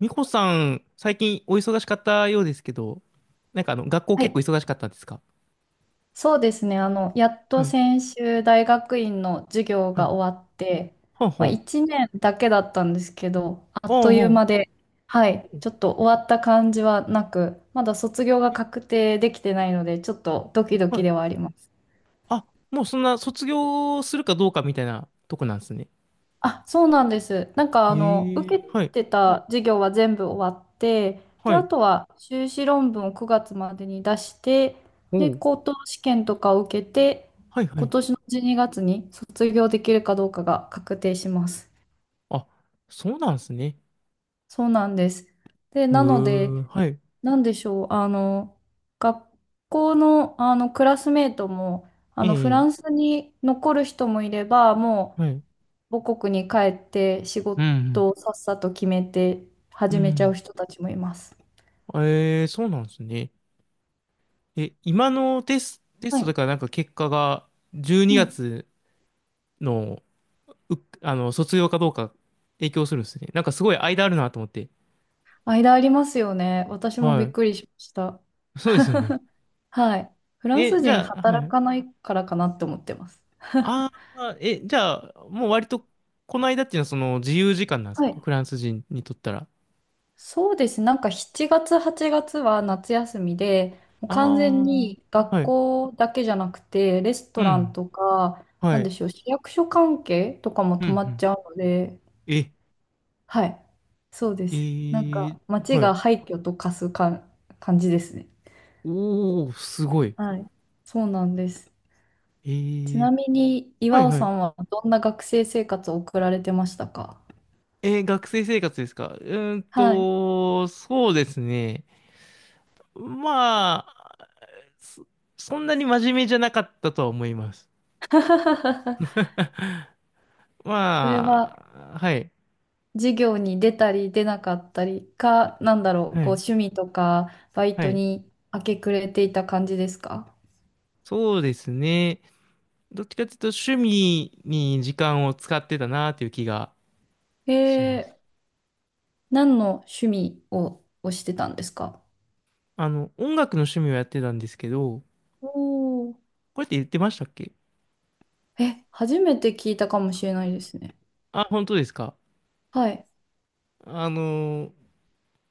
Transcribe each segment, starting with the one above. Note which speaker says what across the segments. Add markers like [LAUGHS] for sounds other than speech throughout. Speaker 1: 美穂さん、最近お忙しかったようですけど、学校
Speaker 2: は
Speaker 1: 結構
Speaker 2: い、
Speaker 1: 忙しかったんですか？
Speaker 2: そうですね。やっ
Speaker 1: は
Speaker 2: と
Speaker 1: い。
Speaker 2: 先週大学院の授業
Speaker 1: はい。
Speaker 2: が終わって、
Speaker 1: ほん
Speaker 2: ま
Speaker 1: ほ
Speaker 2: あ、
Speaker 1: ん。
Speaker 2: 1年だけだったんですけど、あっ
Speaker 1: お
Speaker 2: と
Speaker 1: う
Speaker 2: いう
Speaker 1: ほ
Speaker 2: 間で、は
Speaker 1: う。
Speaker 2: い、
Speaker 1: うん。
Speaker 2: ちょっと終わった感じはなく、まだ卒業が
Speaker 1: え、
Speaker 2: 確定できてないので、ちょっとドキド
Speaker 1: は
Speaker 2: キ
Speaker 1: い。
Speaker 2: ではあります。
Speaker 1: あ、もうそんな卒業するかどうかみたいなとこなんですね。
Speaker 2: あ、そうなんです。なんか受
Speaker 1: ええ、
Speaker 2: け
Speaker 1: はい。
Speaker 2: てた授業は全部終わって、で、
Speaker 1: は
Speaker 2: あ
Speaker 1: い。
Speaker 2: とは修士論文を9月までに出して、
Speaker 1: お
Speaker 2: で、
Speaker 1: う。
Speaker 2: 高等試験とかを受けて、
Speaker 1: はい、は
Speaker 2: 今
Speaker 1: い。
Speaker 2: 年の12月にがつに卒業できるかどうかが確定します。
Speaker 1: あ、そうなんですね。
Speaker 2: そうなんです。で、
Speaker 1: へ
Speaker 2: なの
Speaker 1: え、
Speaker 2: で、
Speaker 1: はい。
Speaker 2: なんでしょう、学校の、あのクラスメートも、フラ
Speaker 1: え
Speaker 2: ン
Speaker 1: え、
Speaker 2: スに残る人もいれば、も
Speaker 1: はい。
Speaker 2: う、母国に帰って仕
Speaker 1: うん、
Speaker 2: 事をさっさと決めて
Speaker 1: うん。
Speaker 2: 始
Speaker 1: う
Speaker 2: めちゃう
Speaker 1: ん。
Speaker 2: 人たちもいます。
Speaker 1: ええ、そうなんですね。え、今のテス、テ
Speaker 2: は
Speaker 1: ストだ
Speaker 2: い。
Speaker 1: からなんか結果が12
Speaker 2: うん。
Speaker 1: 月の、う、あの、卒業かどうか影響するんですね。なんかすごい間あるなと思って。
Speaker 2: 間ありますよね。私もび
Speaker 1: は
Speaker 2: っ
Speaker 1: い。
Speaker 2: くりしました。
Speaker 1: そうですよね。
Speaker 2: はい。フランス
Speaker 1: え、じ
Speaker 2: 人
Speaker 1: ゃあ、は
Speaker 2: 働
Speaker 1: い。
Speaker 2: かないからかなって思ってます。
Speaker 1: ああ、え、じゃあ、もう割と、この間っていうのはその自由時間なんです
Speaker 2: は
Speaker 1: か？
Speaker 2: い。
Speaker 1: フランス人にとったら。
Speaker 2: そうです。なんか7月、8月は夏休みで、もう完全
Speaker 1: あ
Speaker 2: に
Speaker 1: あ、
Speaker 2: 学
Speaker 1: はい。
Speaker 2: 校だけじゃなくて、レス
Speaker 1: う
Speaker 2: トラン
Speaker 1: ん。
Speaker 2: とか、な
Speaker 1: は
Speaker 2: ん
Speaker 1: い。
Speaker 2: でしょう、市役所関係とかも
Speaker 1: うん、う
Speaker 2: 止まっち
Speaker 1: ん。
Speaker 2: ゃうので、
Speaker 1: え、
Speaker 2: はい。そうで
Speaker 1: え
Speaker 2: す。なんか、
Speaker 1: ー、
Speaker 2: 街
Speaker 1: は
Speaker 2: が
Speaker 1: い。
Speaker 2: 廃墟と化すか感じですね。
Speaker 1: おー、すごい。
Speaker 2: はい。そうなんです。
Speaker 1: え
Speaker 2: ちな
Speaker 1: ー、
Speaker 2: みに、
Speaker 1: は
Speaker 2: 岩
Speaker 1: い
Speaker 2: 尾
Speaker 1: は
Speaker 2: さ
Speaker 1: い。
Speaker 2: んはどんな学生生活を送られてましたか？
Speaker 1: えー、学生生活ですか？うーん
Speaker 2: はい。
Speaker 1: と、そうですね。まそ、そんなに真面目じゃなかったとは思います。
Speaker 2: [LAUGHS]
Speaker 1: [LAUGHS]
Speaker 2: それ
Speaker 1: ま
Speaker 2: は、
Speaker 1: あ、はい、
Speaker 2: 授業に出たり出なかったりか、なんだろう、
Speaker 1: は
Speaker 2: こう、
Speaker 1: い、
Speaker 2: 趣味とか、バイ
Speaker 1: は
Speaker 2: ト
Speaker 1: い。
Speaker 2: に明け暮れていた感じですか？
Speaker 1: そうですね。どっちかというと趣味に時間を使ってたなという気が
Speaker 2: え
Speaker 1: します。
Speaker 2: ー、何の趣味を、してたんですか？
Speaker 1: 音楽の趣味をやってたんですけど、
Speaker 2: おー、
Speaker 1: これって言ってましたっけ？
Speaker 2: え、初めて聞いたかもしれないですね。
Speaker 1: あ、本当ですか。
Speaker 2: はい。
Speaker 1: あの、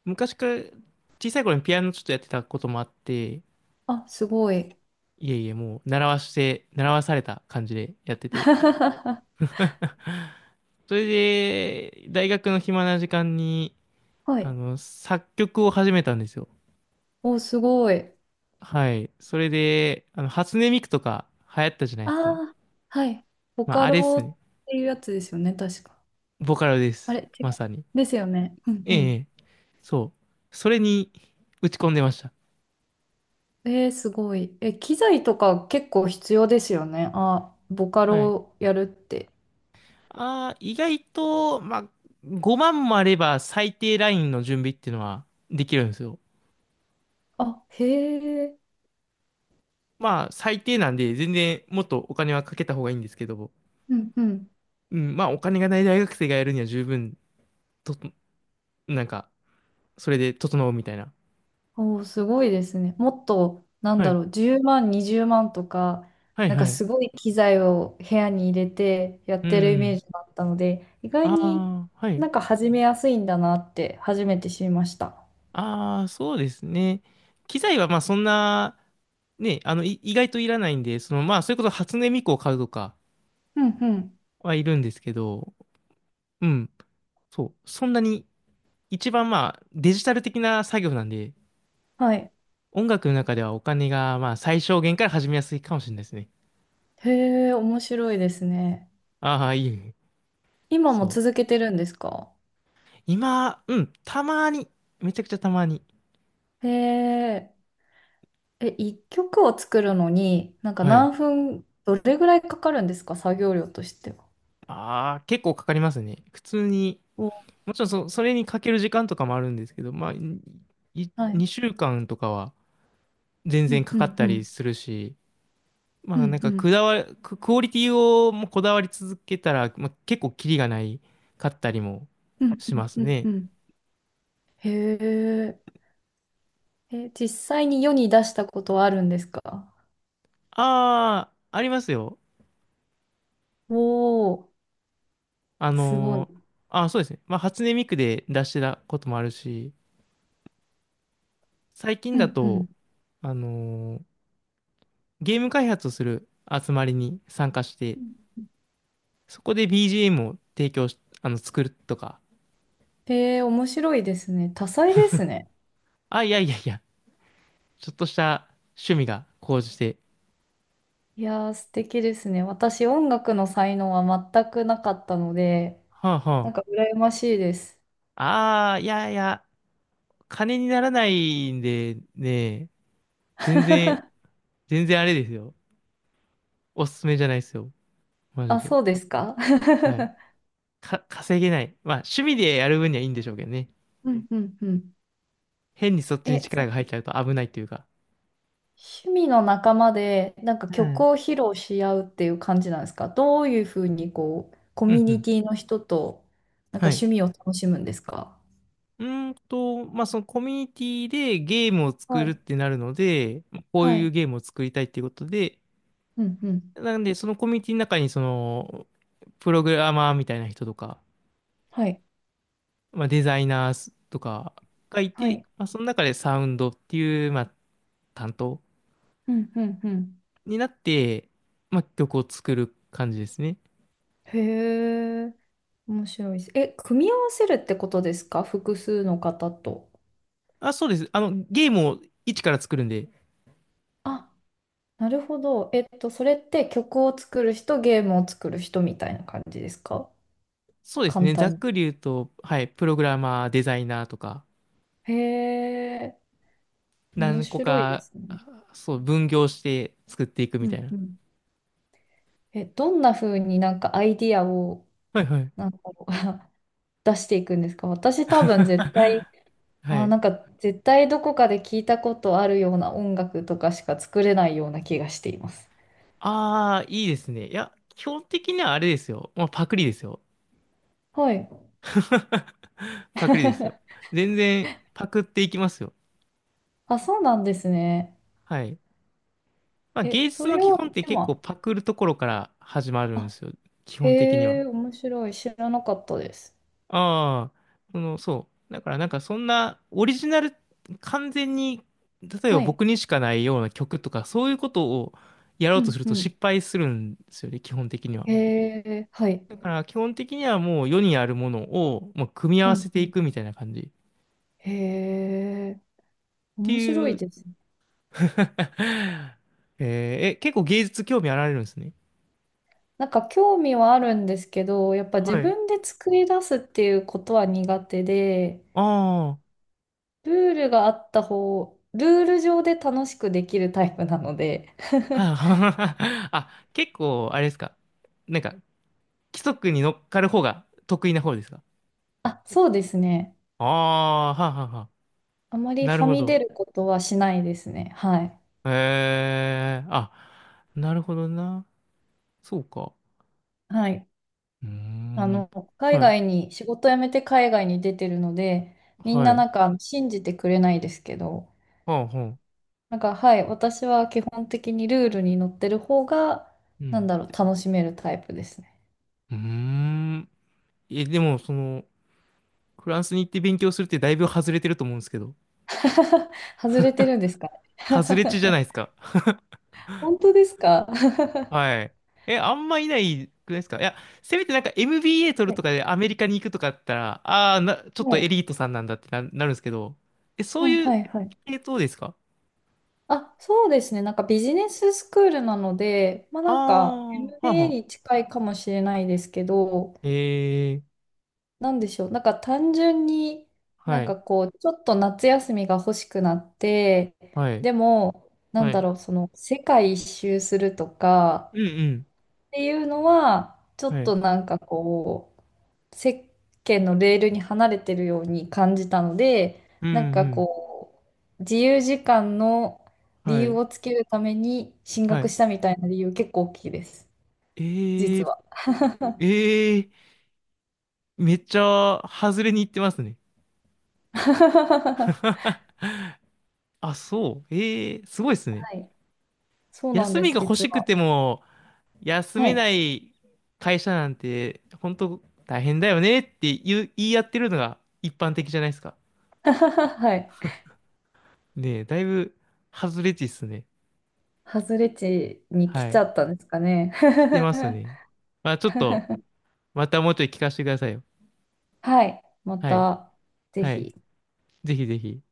Speaker 1: 昔から小さい頃にピアノちょっとやってたこともあって、
Speaker 2: あ、すごい。
Speaker 1: いえいえ、もう習わして、習わされた感じでやってて。
Speaker 2: [LAUGHS]
Speaker 1: [LAUGHS] それで、大学の暇な時間に、
Speaker 2: はい。
Speaker 1: 作曲を始めたんですよ。
Speaker 2: お、すごい。
Speaker 1: はい。それで、初音ミクとか流行ったじゃない
Speaker 2: あ
Speaker 1: ですか。
Speaker 2: あ、はい。ボ
Speaker 1: まあ、
Speaker 2: カ
Speaker 1: あれっ
Speaker 2: ロ
Speaker 1: すね。
Speaker 2: っていうやつですよね、確か。
Speaker 1: ボカロで
Speaker 2: あれ、
Speaker 1: す。
Speaker 2: 違う。
Speaker 1: まさに。
Speaker 2: ですよね。うんう
Speaker 1: え
Speaker 2: ん。
Speaker 1: え、そう。それに打ち込んでました。
Speaker 2: えー、すごい。え、機材とか結構必要ですよね。あ、ボカ
Speaker 1: はい。
Speaker 2: ロやるって。
Speaker 1: ああ、意外と、まあ、5万もあれば最低ラインの準備っていうのはできるんですよ。
Speaker 2: あ、へえ。
Speaker 1: まあ、最低なんで、全然もっとお金はかけた方がいいんですけど、
Speaker 2: うんうん。
Speaker 1: うん、まあ、お金がない大学生がやるには十分と、なんか、それで整うみたいな。
Speaker 2: おー、すごいですね。もっと、なん
Speaker 1: は
Speaker 2: だ
Speaker 1: い。
Speaker 2: ろう、10万、20万とか、
Speaker 1: はい
Speaker 2: なんか
Speaker 1: はい。
Speaker 2: すごい機材を部屋に入れてやっ
Speaker 1: う
Speaker 2: てるイメー
Speaker 1: ん。
Speaker 2: ジだったので、意外に
Speaker 1: ああ、はい。
Speaker 2: なんか始めやすいんだなって初めて知りました。
Speaker 1: ああ、そうですね。機材はまあそんな、ね、意外といらないんで、その、まあ、それこそ初音ミクを買うとか
Speaker 2: うんうん。
Speaker 1: はいるんですけど、うん。そう。そんなに、一番まあ、デジタル的な作業なんで、
Speaker 2: はい。
Speaker 1: 音楽の中ではお金がまあ、最小限から始めやすいかもしれないですね。
Speaker 2: へえ、面白いですね。
Speaker 1: ああ、いいね。
Speaker 2: 今も
Speaker 1: そう。
Speaker 2: 続けてるんですか？
Speaker 1: 今、うん、たまに、めちゃくちゃたまに。
Speaker 2: へえ、え、一曲を作るのに、なんか
Speaker 1: はい。
Speaker 2: 何分、どれぐらいかかるんですか？作業量としては。
Speaker 1: ああ、結構かかりますね。普通に、
Speaker 2: お、
Speaker 1: もちろんそ、それにかける時間とかもあるんですけど、まあ、
Speaker 2: はい。
Speaker 1: 2週間とかは全
Speaker 2: う
Speaker 1: 然
Speaker 2: ん
Speaker 1: か
Speaker 2: う
Speaker 1: かっ
Speaker 2: んう
Speaker 1: たり
Speaker 2: ん。
Speaker 1: するし、ま
Speaker 2: う
Speaker 1: あな
Speaker 2: ん
Speaker 1: ん
Speaker 2: う
Speaker 1: かく
Speaker 2: ん。
Speaker 1: だわ、ク、クオリティをもうこだわり続けたら、まあ、結構キリがないかったりも
Speaker 2: うん
Speaker 1: します
Speaker 2: うんうんう
Speaker 1: ね。
Speaker 2: ん、へえ。え、実際に世に出したことはあるんですか？
Speaker 1: ああ、ありますよ。
Speaker 2: おおー、
Speaker 1: あ
Speaker 2: すごい。
Speaker 1: の、ーあー、そうですね。まあ初音ミクで出してたこともあるし、最近
Speaker 2: う
Speaker 1: だ
Speaker 2: んうん。
Speaker 1: と、あの、ーゲーム開発をする集まりに参加して、そこで BGM を提供し、作るとか、
Speaker 2: へえ、面白いですね。多彩ですね。
Speaker 1: あ、いやいやいや、ちょっとした趣味が高じて、
Speaker 2: いやー、素敵ですね。私、音楽の才能は全くなかったので、
Speaker 1: はあ、
Speaker 2: なん
Speaker 1: は
Speaker 2: か羨ましいです。
Speaker 1: あ、あー、いやいや、金にならないんでね、全然、全然あれですよ。おすすめじゃないですよ。マジ
Speaker 2: あ、
Speaker 1: で。
Speaker 2: そうですか？
Speaker 1: はい。
Speaker 2: [LAUGHS]
Speaker 1: 稼げない。まあ、趣味でやる分にはいいんでしょうけどね。
Speaker 2: うんうんうん。
Speaker 1: 変にそっちに
Speaker 2: え、
Speaker 1: 力が入っちゃうと危ないというか。
Speaker 2: 趣味の仲間でなんか
Speaker 1: う
Speaker 2: 曲
Speaker 1: ん。
Speaker 2: を披露し合うっていう感じなんですか？どういうふうにこうコ
Speaker 1: う
Speaker 2: ミュ
Speaker 1: んう
Speaker 2: ニ
Speaker 1: ん。
Speaker 2: ティの人となんか
Speaker 1: はい。
Speaker 2: 趣味を楽しむんですか？
Speaker 1: うーんと、まあ、そのコミュニティでゲームを作
Speaker 2: は
Speaker 1: るっ
Speaker 2: い。
Speaker 1: てなるので、こう
Speaker 2: は
Speaker 1: いう
Speaker 2: い。
Speaker 1: ゲームを作りたいっていうことで、
Speaker 2: うんうん。
Speaker 1: なんで、そのコミュニティの中に、プログラマーみたいな人とか、
Speaker 2: はい。
Speaker 1: まあ、デザイナーとかがい
Speaker 2: は
Speaker 1: て、
Speaker 2: い。
Speaker 1: まあ、その中でサウンドっていう、まあ、担当
Speaker 2: うんうんうん。
Speaker 1: になって、まあ、曲を作る感じですね。
Speaker 2: へえ、面白いです。え、組み合わせるってことですか？複数の方と。
Speaker 1: あ、そうです。ゲームを一から作るんで、
Speaker 2: あ、なるほど。それって曲を作る人、ゲームを作る人みたいな感じですか？
Speaker 1: そうです
Speaker 2: 簡
Speaker 1: ね。ざ
Speaker 2: 単
Speaker 1: っ
Speaker 2: に。
Speaker 1: くり言うと、はい、プログラマー、デザイナーとか、
Speaker 2: へえ、面
Speaker 1: 何個
Speaker 2: 白いで
Speaker 1: か、
Speaker 2: すね。
Speaker 1: そう、分業して作っていく
Speaker 2: う
Speaker 1: みたい
Speaker 2: ん
Speaker 1: な。
Speaker 2: うん。え、どんな風になんかアイディアを
Speaker 1: はいはい。
Speaker 2: なんか [LAUGHS] 出していくんですか？私多分絶対、
Speaker 1: [LAUGHS] は
Speaker 2: あ、
Speaker 1: い。
Speaker 2: なんか絶対どこかで聞いたことあるような音楽とかしか作れないような気がしています。
Speaker 1: ああ、いいですね。いや、基本的にはあれですよ。まあ、パクリですよ。
Speaker 2: はい。
Speaker 1: [LAUGHS] パクリですよ。
Speaker 2: [LAUGHS]
Speaker 1: 全然パクっていきますよ。
Speaker 2: あ、そうなんですね。
Speaker 1: はい。まあ、
Speaker 2: え、
Speaker 1: 芸
Speaker 2: そ
Speaker 1: 術の
Speaker 2: れ
Speaker 1: 基
Speaker 2: を、
Speaker 1: 本って
Speaker 2: で
Speaker 1: 結構
Speaker 2: も、
Speaker 1: パクるところから始まるんで
Speaker 2: あ、
Speaker 1: すよ。基本的に
Speaker 2: へ
Speaker 1: は。
Speaker 2: え、面白い。知らなかったです。
Speaker 1: ああ、その、そう。だからなんかそんなオリジナル、完全に、例えば
Speaker 2: はい。
Speaker 1: 僕にしかないような曲とか、そういうことをやろ
Speaker 2: う
Speaker 1: うと
Speaker 2: ん
Speaker 1: する
Speaker 2: う
Speaker 1: と
Speaker 2: ん。
Speaker 1: 失敗するんですよね、基本的には。
Speaker 2: へえ、はい。
Speaker 1: だから基本的にはもう世にあるものを、まあ、組み合
Speaker 2: う
Speaker 1: わ
Speaker 2: ん
Speaker 1: せ
Speaker 2: う
Speaker 1: て
Speaker 2: ん。
Speaker 1: いくみたいな感じ。っ
Speaker 2: へえ、
Speaker 1: て
Speaker 2: 面白
Speaker 1: い
Speaker 2: い
Speaker 1: う
Speaker 2: ですね。
Speaker 1: [LAUGHS] えー、え、結構芸術興味あられるんですね。
Speaker 2: なんか興味はあるんですけど、やっぱ自
Speaker 1: はい。
Speaker 2: 分で作り出すっていうことは苦手で、
Speaker 1: ああ、[LAUGHS]
Speaker 2: ルールがあった方、ルール上で楽しくできるタイプなので、
Speaker 1: は
Speaker 2: [LAUGHS]
Speaker 1: いはい。[LAUGHS] あ、結構、あれですか。なんか、規則に乗っかる方が得意な方ですか？
Speaker 2: あ、そうですね。
Speaker 1: ああ、ははは。
Speaker 2: あまり
Speaker 1: なる
Speaker 2: は
Speaker 1: ほ
Speaker 2: み
Speaker 1: ど。
Speaker 2: 出ることはしないですね。はい。
Speaker 1: へえ、あ、なるほどな。そうか。
Speaker 2: はい。
Speaker 1: うー
Speaker 2: あ
Speaker 1: ん。
Speaker 2: の、海
Speaker 1: はい。
Speaker 2: 外に、仕事辞めて海外に出てるので、みん
Speaker 1: は
Speaker 2: なな
Speaker 1: い。
Speaker 2: んか信じてくれないですけど、
Speaker 1: はあ、はあ。
Speaker 2: なんかはい、私は基本的にルールに乗ってる方が、
Speaker 1: う
Speaker 2: なん
Speaker 1: ん。
Speaker 2: だろう、楽しめるタイプですね。
Speaker 1: うーん。でも、その、フランスに行って勉強するってだいぶ外れてると思うんですけど。
Speaker 2: [LAUGHS] 外れてるんですか？
Speaker 1: 外れ値
Speaker 2: [LAUGHS]
Speaker 1: じゃないですか。
Speaker 2: 本当ですか？
Speaker 1: はい。え、あんまいないくないですか？いや、せめてなんか MBA 取る
Speaker 2: は
Speaker 1: と
Speaker 2: い。
Speaker 1: かでアメリカに行くとかだったら、ちょっ
Speaker 2: は
Speaker 1: とエ
Speaker 2: い。
Speaker 1: リートさんなんだって、なるんですけど。え、そ
Speaker 2: う
Speaker 1: う
Speaker 2: ん、
Speaker 1: い
Speaker 2: は
Speaker 1: う
Speaker 2: い、はい。
Speaker 1: 系統ですか？
Speaker 2: あ、そうですね。なんかビジネススクールなので、まあ
Speaker 1: あ
Speaker 2: なんか
Speaker 1: あー、はあ、
Speaker 2: MBA
Speaker 1: は
Speaker 2: に近いかもしれないですけど、
Speaker 1: ええ、
Speaker 2: なんでしょう。なんか単純にな
Speaker 1: は
Speaker 2: ん
Speaker 1: い、
Speaker 2: かこう、ちょっと夏休みが欲しくなって、
Speaker 1: はい、
Speaker 2: でも、なん
Speaker 1: は
Speaker 2: だ
Speaker 1: い。
Speaker 2: ろう、その世界一周するとか、
Speaker 1: うんうん、
Speaker 2: っていうのは、ちょっ
Speaker 1: はい。
Speaker 2: となんかこう、世間のレールに離れてるように感じたので、
Speaker 1: うん
Speaker 2: なん
Speaker 1: う
Speaker 2: か
Speaker 1: ん、
Speaker 2: こう、自由時間の理
Speaker 1: は
Speaker 2: 由
Speaker 1: い、
Speaker 2: をつけるために進
Speaker 1: は
Speaker 2: 学
Speaker 1: い。
Speaker 2: したみたいな理由結構大きいです、
Speaker 1: え
Speaker 2: 実
Speaker 1: え、
Speaker 2: は。
Speaker 1: ええ、めっちゃ外れに行ってますね。
Speaker 2: [LAUGHS]
Speaker 1: [LAUGHS] あ、そう。ええ、すごいですね。
Speaker 2: はい、そうなん
Speaker 1: 休
Speaker 2: で
Speaker 1: み
Speaker 2: す、
Speaker 1: が欲
Speaker 2: 実
Speaker 1: しく
Speaker 2: は。
Speaker 1: ても、休
Speaker 2: は
Speaker 1: めな
Speaker 2: い。
Speaker 1: い会社なんて、本当大変だよねって言い合ってるのが一般的じゃないですか。
Speaker 2: [LAUGHS] はい。
Speaker 1: ねえ、だいぶ外れ値っすね。
Speaker 2: 外れ値に来
Speaker 1: は
Speaker 2: ちゃ
Speaker 1: い。
Speaker 2: ったんですかね。
Speaker 1: 来てますね。まあちょっと、
Speaker 2: [LAUGHS]
Speaker 1: またもうちょい聞かせてくださいよ。
Speaker 2: はい。ま
Speaker 1: はい。
Speaker 2: た、ぜ
Speaker 1: はい。
Speaker 2: ひ。
Speaker 1: ぜひぜひ。